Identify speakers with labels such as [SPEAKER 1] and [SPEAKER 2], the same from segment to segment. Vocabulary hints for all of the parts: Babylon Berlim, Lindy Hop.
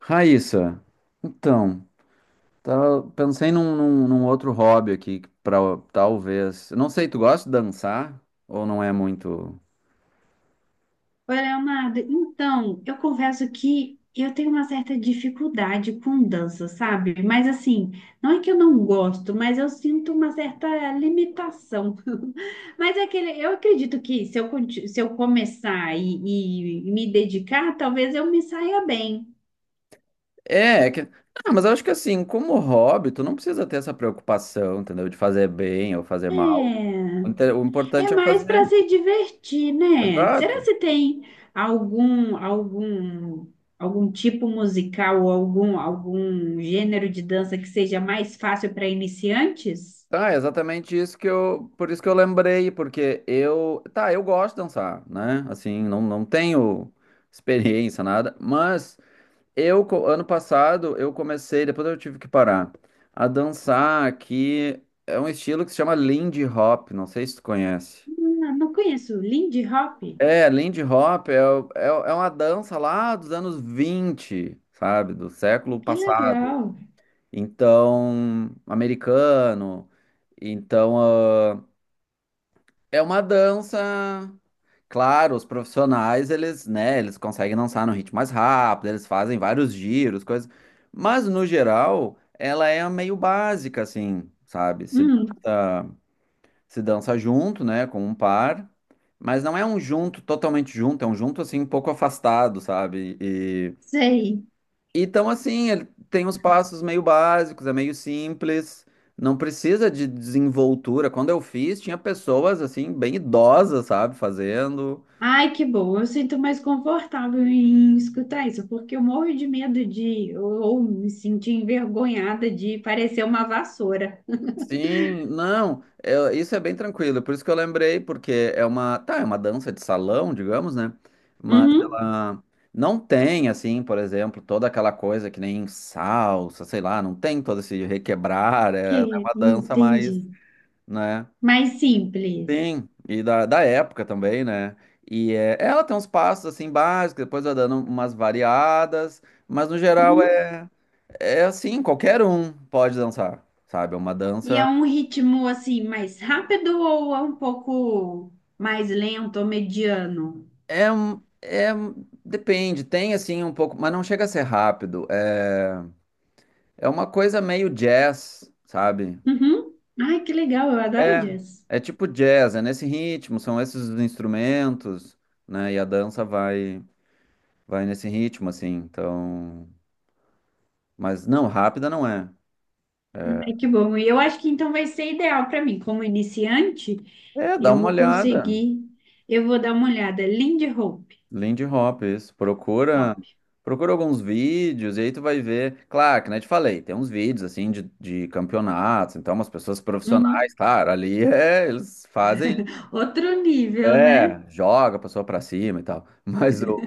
[SPEAKER 1] Raíssa, então, pensei num outro hobby aqui, pra, talvez. Não sei, tu gosta de dançar? Ou não é muito.
[SPEAKER 2] Oi, Leonardo. Então, eu confesso que eu tenho uma certa dificuldade com dança, sabe? Mas assim, não é que eu não gosto, mas eu sinto uma certa limitação. Mas é aquele, eu acredito que se eu começar e me dedicar, talvez eu me saia bem.
[SPEAKER 1] É que. Ah, mas eu acho que assim, como hobby, tu não precisa ter essa preocupação, entendeu? De fazer bem ou fazer mal.
[SPEAKER 2] É.
[SPEAKER 1] O importante
[SPEAKER 2] É
[SPEAKER 1] é
[SPEAKER 2] mais para
[SPEAKER 1] fazer.
[SPEAKER 2] se divertir, né? Será
[SPEAKER 1] Exato.
[SPEAKER 2] se tem algum algum algum tipo musical ou algum gênero de dança que seja mais fácil para iniciantes?
[SPEAKER 1] Tá, é exatamente isso que eu. Por isso que eu lembrei, porque eu. Tá, eu gosto de dançar, né? Assim, não tenho experiência, nada, mas. Eu, ano passado, eu comecei, depois eu tive que parar, a dançar aqui. É um estilo que se chama Lindy Hop, não sei se tu conhece.
[SPEAKER 2] Não, não conheço. Lindy Hop?
[SPEAKER 1] É, Lindy Hop é uma dança lá dos anos 20, sabe? Do século
[SPEAKER 2] Que
[SPEAKER 1] passado.
[SPEAKER 2] legal.
[SPEAKER 1] Então, americano. Então, é uma dança. Claro, os profissionais, eles, né, eles conseguem dançar num ritmo mais rápido, eles fazem vários giros, coisas. Mas, no geral, ela é meio básica, assim, sabe? Se
[SPEAKER 2] Hum,
[SPEAKER 1] dança, se dança junto, né, com um par, mas não é um junto totalmente junto, é um junto, assim, um pouco afastado, sabe? E,
[SPEAKER 2] sei.
[SPEAKER 1] e então, assim, ele tem uns passos meio básicos, é meio simples, não precisa de desenvoltura. Quando eu fiz, tinha pessoas, assim, bem idosas, sabe, fazendo.
[SPEAKER 2] Ai, que bom. Eu sinto mais confortável em escutar isso, porque eu morro de medo de ou me sentir envergonhada de parecer uma vassoura.
[SPEAKER 1] Sim, não, é, isso é bem tranquilo, por isso que eu lembrei, porque é uma, tá, é uma dança de salão, digamos, né? Mas
[SPEAKER 2] Uhum.
[SPEAKER 1] ela não tem, assim, por exemplo, toda aquela coisa que nem salsa, sei lá, não tem todo esse requebrar,
[SPEAKER 2] Que
[SPEAKER 1] é uma dança
[SPEAKER 2] entendi.
[SPEAKER 1] mais, né?
[SPEAKER 2] Mais simples.
[SPEAKER 1] Sim, e da época também, né? E é, ela tem uns passos, assim, básicos, depois vai dando umas variadas, mas no geral
[SPEAKER 2] Uhum.
[SPEAKER 1] é assim, qualquer um pode dançar, sabe? É uma
[SPEAKER 2] E é
[SPEAKER 1] dança.
[SPEAKER 2] um ritmo assim mais rápido ou é um pouco mais lento ou mediano?
[SPEAKER 1] É, um- é, um- Depende, tem assim um pouco, mas não chega a ser rápido. É uma coisa meio jazz, sabe?
[SPEAKER 2] Uhum. Ai, que legal, eu adoro
[SPEAKER 1] É,
[SPEAKER 2] jazz.
[SPEAKER 1] é tipo jazz, é nesse ritmo, são esses os instrumentos, né? E a dança vai nesse ritmo, assim. Então, mas não, rápida não é.
[SPEAKER 2] Ai, que bom. E eu acho que então vai ser ideal para mim. Como iniciante,
[SPEAKER 1] É, dá
[SPEAKER 2] eu
[SPEAKER 1] uma
[SPEAKER 2] vou
[SPEAKER 1] olhada.
[SPEAKER 2] conseguir. Eu vou dar uma olhada. Lindy Hop.
[SPEAKER 1] Lindy Hop, isso. Procura,
[SPEAKER 2] Hop.
[SPEAKER 1] procura alguns vídeos e aí tu vai ver. Claro, que nem eu te falei, tem uns vídeos assim de campeonatos, então umas pessoas
[SPEAKER 2] Uhum.
[SPEAKER 1] profissionais, claro, ali é, eles fazem,
[SPEAKER 2] Outro nível, né?
[SPEAKER 1] é, joga a pessoa pra cima e tal. Mas o,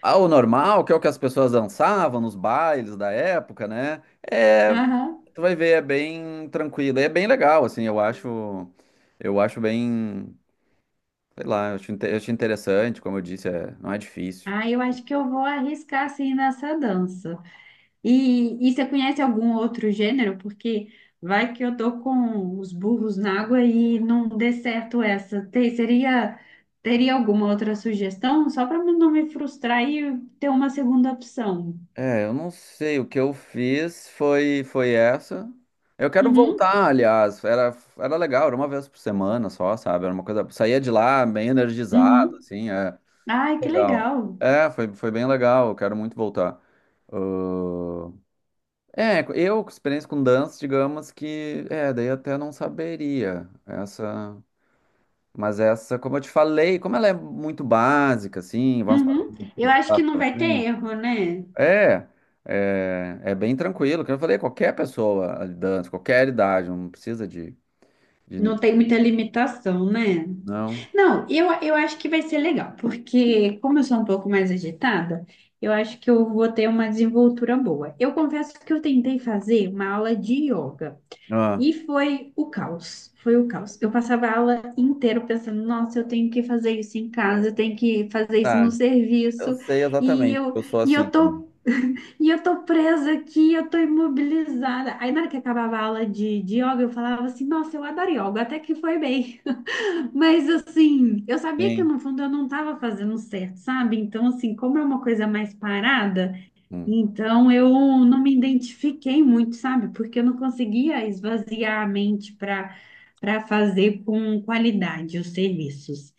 [SPEAKER 1] ah, o normal, que é o que as pessoas dançavam nos bailes da época, né? É,
[SPEAKER 2] Aham.
[SPEAKER 1] tu vai ver, é bem tranquilo, e é bem legal, assim, eu acho, bem, sei lá, eu acho, eu acho interessante, como eu disse, é, não é difícil.
[SPEAKER 2] Ah, eu acho que eu vou arriscar assim nessa dança. E você conhece algum outro gênero? Porque vai que eu tô com os burros na água e não dê certo essa. Teria alguma outra sugestão? Só para não me frustrar e ter uma segunda opção.
[SPEAKER 1] É, eu não sei. O que eu fiz foi essa. Eu quero
[SPEAKER 2] Uhum,
[SPEAKER 1] voltar, aliás. Era legal, era uma vez por semana só, sabe? Era uma coisa. Saía de lá bem energizado,
[SPEAKER 2] uhum.
[SPEAKER 1] assim, é
[SPEAKER 2] Ai, que
[SPEAKER 1] legal.
[SPEAKER 2] legal.
[SPEAKER 1] É, foi bem legal. Eu quero muito voltar. Ahn, É, eu, com experiência com dança, digamos que. É, daí até não saberia. Essa. Mas essa, como eu te falei, como ela é muito básica, assim, vamos para
[SPEAKER 2] Uhum.
[SPEAKER 1] um
[SPEAKER 2] Eu acho que
[SPEAKER 1] passo
[SPEAKER 2] não
[SPEAKER 1] para
[SPEAKER 2] vai ter
[SPEAKER 1] frente.
[SPEAKER 2] erro, né?
[SPEAKER 1] É, é bem tranquilo. Como eu falei, qualquer pessoa dança, qualquer idade, não precisa de, de-
[SPEAKER 2] Não tem muita limitação, né?
[SPEAKER 1] não.
[SPEAKER 2] Não, eu acho que vai ser legal, porque como eu sou um pouco mais agitada, eu acho que eu vou ter uma desenvoltura boa. Eu confesso que eu tentei fazer uma aula de yoga
[SPEAKER 1] Ah,
[SPEAKER 2] e foi o caos, foi o caos. Eu passava a aula inteira pensando, nossa, eu tenho que fazer isso em casa, eu tenho que fazer isso no
[SPEAKER 1] tá. Eu
[SPEAKER 2] serviço,
[SPEAKER 1] sei
[SPEAKER 2] e
[SPEAKER 1] exatamente, porque
[SPEAKER 2] eu,
[SPEAKER 1] eu sou
[SPEAKER 2] e
[SPEAKER 1] assim
[SPEAKER 2] eu
[SPEAKER 1] também.
[SPEAKER 2] tô, e eu tô presa aqui, eu tô imobilizada. Aí na hora que acabava a aula de, yoga, eu falava assim, nossa, eu adoro yoga, até que foi bem. Mas assim, eu sabia que
[SPEAKER 1] Sim.
[SPEAKER 2] no fundo eu não estava fazendo certo, sabe? Então, assim, como é uma coisa mais parada,
[SPEAKER 1] Hum.
[SPEAKER 2] então eu não me identifiquei muito, sabe? Porque eu não conseguia esvaziar a mente para para fazer com qualidade os serviços.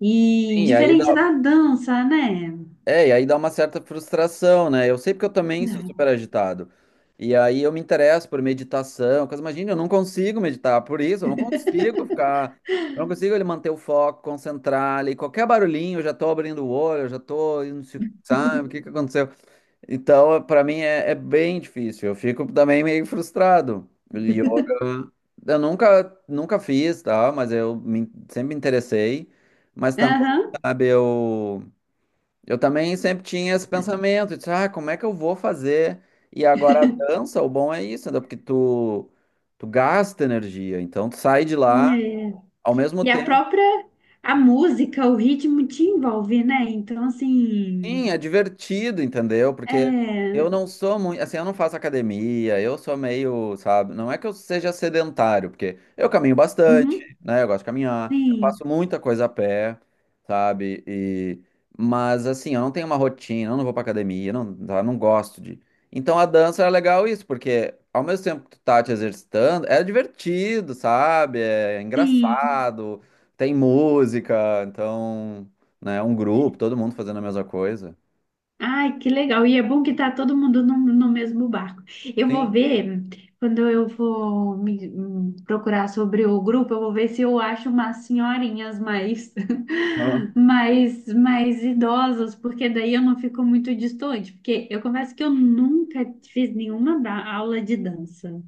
[SPEAKER 2] E
[SPEAKER 1] Sim,
[SPEAKER 2] diferente da dança, né?
[SPEAKER 1] e aí dá uma certa frustração, né? Eu sei porque eu também sou
[SPEAKER 2] Não.
[SPEAKER 1] super agitado. E aí eu me interesso por meditação, coisa, imagina, eu não consigo meditar, por isso eu não consigo ficar, eu não consigo ele manter o foco, concentrar ali, qualquer barulhinho, eu já tô abrindo o olho, eu já tô, indo se- sabe, o que que aconteceu? Então, para mim é bem difícil. Eu fico também meio frustrado. Yoga, eu nunca fiz, tá? Mas eu sempre me interessei. Mas também,
[SPEAKER 2] Aham.
[SPEAKER 1] sabe, eu também sempre tinha esse pensamento de, como é que eu vou fazer? E agora a dança, o bom é isso, né? Porque tu gasta energia. Então, tu sai de lá,
[SPEAKER 2] É.
[SPEAKER 1] ao mesmo
[SPEAKER 2] E a
[SPEAKER 1] tempo.
[SPEAKER 2] própria a música, o ritmo te envolve, né? Então, assim,
[SPEAKER 1] Sim, é divertido, entendeu? Porque eu
[SPEAKER 2] é.
[SPEAKER 1] não sou muito, assim, eu não faço academia, eu sou meio, sabe? Não é que eu seja sedentário, porque eu caminho bastante,
[SPEAKER 2] Uhum.
[SPEAKER 1] né? Eu gosto de caminhar, eu
[SPEAKER 2] Sim,
[SPEAKER 1] faço muita coisa a pé, sabe? E mas assim, eu não tenho uma rotina, eu não vou pra academia, eu não, sabe? Eu não gosto de. Então a dança é legal isso, porque ao mesmo tempo que tu tá te exercitando, é divertido, sabe? É
[SPEAKER 2] sim.
[SPEAKER 1] engraçado, tem música, então né? Um grupo, todo mundo fazendo a mesma coisa.
[SPEAKER 2] Ai, que legal. E é bom que tá todo mundo no, mesmo barco. Eu vou
[SPEAKER 1] Sim.
[SPEAKER 2] ver, quando eu vou procurar sobre o grupo, eu vou ver se eu acho umas senhorinhas mais,
[SPEAKER 1] Aham.
[SPEAKER 2] mais idosas, porque daí eu não fico muito distante. Porque eu confesso que eu nunca fiz aula de dança.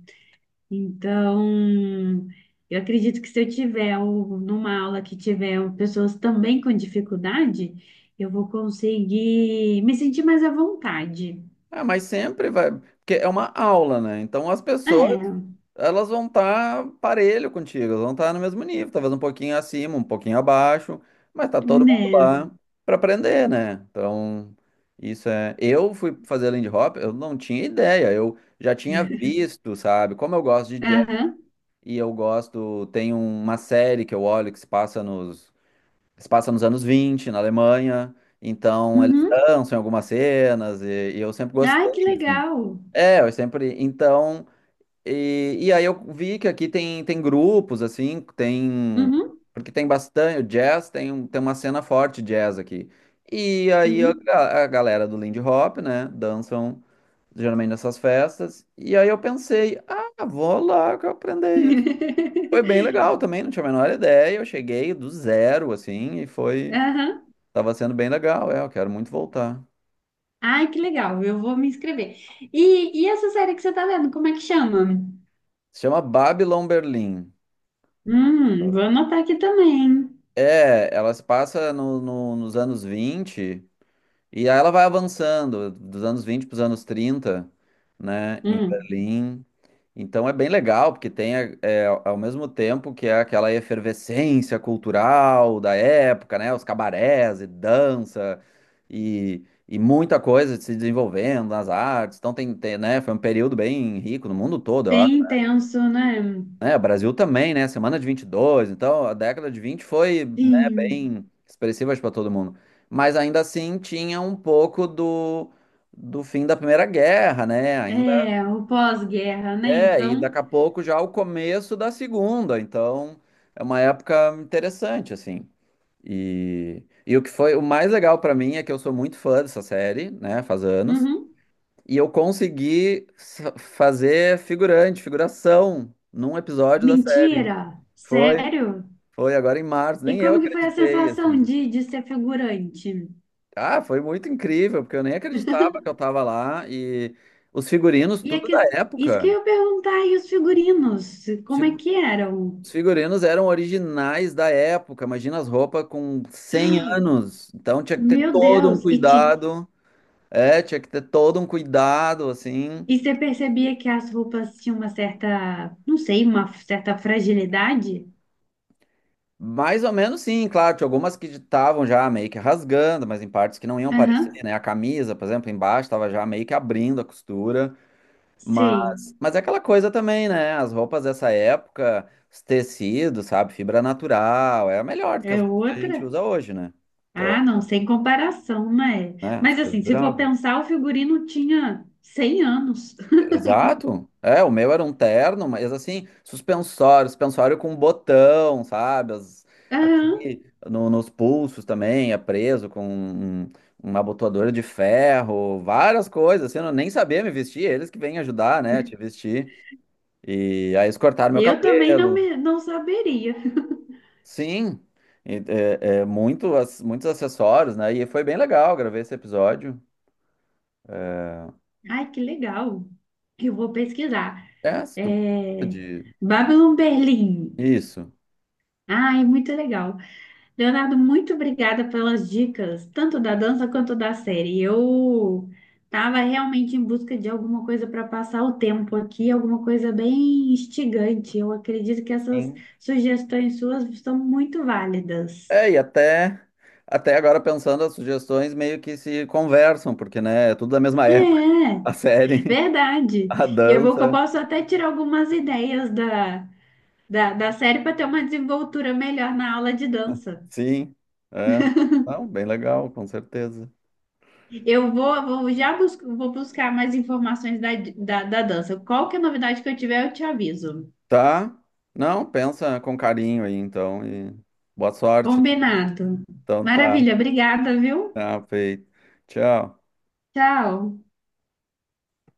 [SPEAKER 2] Então, eu acredito que se eu tiver numa aula que tiver pessoas também com dificuldade, eu vou conseguir me sentir mais à vontade.
[SPEAKER 1] Ah, mas sempre vai, porque é uma aula, né? Então as pessoas,
[SPEAKER 2] É,
[SPEAKER 1] elas vão estar parelho contigo, elas vão estar no mesmo nível, talvez um pouquinho acima, um pouquinho abaixo, mas tá todo mundo
[SPEAKER 2] né?
[SPEAKER 1] lá para aprender, né? Então, isso é, eu fui fazer Lindy Hop, eu não tinha ideia, eu já tinha visto, sabe? Como eu gosto de jazz
[SPEAKER 2] Aham.
[SPEAKER 1] e eu gosto, tem uma série que eu olho que se passa nos anos 20, na Alemanha, então eles
[SPEAKER 2] Uhum.
[SPEAKER 1] dançam em algumas cenas, e eu sempre
[SPEAKER 2] Ai,
[SPEAKER 1] gostei,
[SPEAKER 2] que
[SPEAKER 1] assim.
[SPEAKER 2] legal.
[SPEAKER 1] É, eu sempre. Então, e aí eu vi que aqui tem, grupos, assim, tem.
[SPEAKER 2] Uhum.
[SPEAKER 1] Porque tem bastante. O jazz tem uma cena forte de jazz aqui. E aí
[SPEAKER 2] Uhum.
[SPEAKER 1] a galera do Lindy Hop, né, dançam geralmente nessas festas. E aí eu pensei, ah, vou lá que eu aprender isso. Foi bem legal também, não tinha a menor ideia. Eu cheguei do zero, assim, e foi.
[SPEAKER 2] Aham.
[SPEAKER 1] Tava sendo bem legal, é, eu quero muito voltar.
[SPEAKER 2] Ai, que legal. Eu vou me inscrever. E essa série que você tá vendo, como é que chama?
[SPEAKER 1] Se chama Babylon Berlim.
[SPEAKER 2] Vou anotar aqui também.
[SPEAKER 1] É, ela se passa nos anos 20 e aí ela vai avançando dos anos 20 para os anos 30, né, em
[SPEAKER 2] Hum,
[SPEAKER 1] Berlim. Então é bem legal, porque tem ao mesmo tempo que é aquela efervescência cultural da época, né, os cabarés e dança e muita coisa se desenvolvendo nas artes. Então tem, né, foi um período bem rico no mundo todo, eu
[SPEAKER 2] bem intenso, né?
[SPEAKER 1] né, o Brasil também, né? Semana de 22, então a década de 20 foi, né,
[SPEAKER 2] Sim.
[SPEAKER 1] bem expressiva para todo mundo. Mas ainda assim tinha um pouco do fim da Primeira Guerra, né? Ainda
[SPEAKER 2] É, o pós-guerra, né?
[SPEAKER 1] é, e
[SPEAKER 2] Então,
[SPEAKER 1] daqui a pouco já o começo da Segunda, então é uma época interessante, assim. E o que foi o mais legal para mim é que eu sou muito fã dessa série, né? Faz anos.
[SPEAKER 2] uhum.
[SPEAKER 1] E eu consegui fazer figurante, figuração, num episódio da série.
[SPEAKER 2] Mentira?
[SPEAKER 1] Foi
[SPEAKER 2] Sério?
[SPEAKER 1] Foi agora em março,
[SPEAKER 2] E
[SPEAKER 1] nem eu
[SPEAKER 2] como que foi a
[SPEAKER 1] acreditei,
[SPEAKER 2] sensação
[SPEAKER 1] assim.
[SPEAKER 2] de, ser figurante?
[SPEAKER 1] Ah, foi muito incrível, porque eu nem acreditava que eu tava lá. E os figurinos,
[SPEAKER 2] E é
[SPEAKER 1] tudo
[SPEAKER 2] que,
[SPEAKER 1] da
[SPEAKER 2] isso que
[SPEAKER 1] época.
[SPEAKER 2] eu ia perguntar, e os figurinos,
[SPEAKER 1] Os
[SPEAKER 2] como é
[SPEAKER 1] figu-
[SPEAKER 2] que eram?
[SPEAKER 1] os figurinos eram originais da época. Imagina as roupas com 100 anos. Então tinha que ter
[SPEAKER 2] Meu
[SPEAKER 1] todo um
[SPEAKER 2] Deus! E, te,
[SPEAKER 1] cuidado. É, tinha que ter todo um cuidado, assim.
[SPEAKER 2] e você percebia que as roupas tinham uma certa, não sei, uma certa fragilidade?
[SPEAKER 1] Mais ou menos sim, claro. Tinha algumas que estavam já meio que rasgando, mas em partes que não iam parecer,
[SPEAKER 2] Aham,
[SPEAKER 1] né? A camisa, por exemplo, embaixo estava já meio que abrindo a costura.
[SPEAKER 2] sei.
[SPEAKER 1] Mas é aquela coisa também, né? As roupas dessa época, os tecidos, sabe? Fibra natural, é melhor do que
[SPEAKER 2] É
[SPEAKER 1] as roupas que a
[SPEAKER 2] outra?
[SPEAKER 1] gente usa hoje, né? Então,
[SPEAKER 2] Ah, não, sem comparação, né?
[SPEAKER 1] né? As
[SPEAKER 2] Mas
[SPEAKER 1] coisas
[SPEAKER 2] assim, se for
[SPEAKER 1] duravam.
[SPEAKER 2] pensar, o figurino tinha 100 anos.
[SPEAKER 1] Exato. É, o meu era um terno, mas assim, suspensório, suspensório com botão, sabe? Aqui
[SPEAKER 2] Aham.
[SPEAKER 1] nos pulsos também, é preso com uma abotoadora de ferro, várias coisas, assim, eu nem sabia me vestir, eles que vêm ajudar, né? A te vestir. E aí eles cortaram meu
[SPEAKER 2] Eu também não,
[SPEAKER 1] cabelo.
[SPEAKER 2] me, não saberia.
[SPEAKER 1] Sim, é muito, muitos acessórios, né? E foi bem legal, gravei esse episódio.
[SPEAKER 2] Ai, que legal. Eu vou pesquisar.
[SPEAKER 1] É, se tu gosta
[SPEAKER 2] É.
[SPEAKER 1] de...
[SPEAKER 2] Babylon Berlim.
[SPEAKER 1] Isso.
[SPEAKER 2] Ai, muito legal. Leonardo, muito obrigada pelas dicas, tanto da dança quanto da série. Eu estava realmente em busca de alguma coisa para passar o tempo aqui, alguma coisa bem instigante. Eu acredito que essas
[SPEAKER 1] Sim.
[SPEAKER 2] sugestões suas são muito válidas.
[SPEAKER 1] É, e até agora pensando, as sugestões meio que se conversam, porque, né, é tudo da mesma
[SPEAKER 2] É.
[SPEAKER 1] época, a
[SPEAKER 2] É.
[SPEAKER 1] série,
[SPEAKER 2] Verdade.
[SPEAKER 1] a
[SPEAKER 2] E é bom que eu
[SPEAKER 1] dança,
[SPEAKER 2] posso até tirar algumas ideias da, da série para ter uma desenvoltura melhor na aula de dança.
[SPEAKER 1] sim. É. Não, bem legal, com certeza.
[SPEAKER 2] Eu vou já bus vou buscar mais informações da, da dança. Qualquer novidade que eu tiver, eu te aviso.
[SPEAKER 1] Tá? Não, pensa com carinho aí, então, e boa sorte, né.
[SPEAKER 2] Combinado.
[SPEAKER 1] Então tá,
[SPEAKER 2] Maravilha, obrigada, viu?
[SPEAKER 1] tá feito. Tchau.
[SPEAKER 2] Tchau.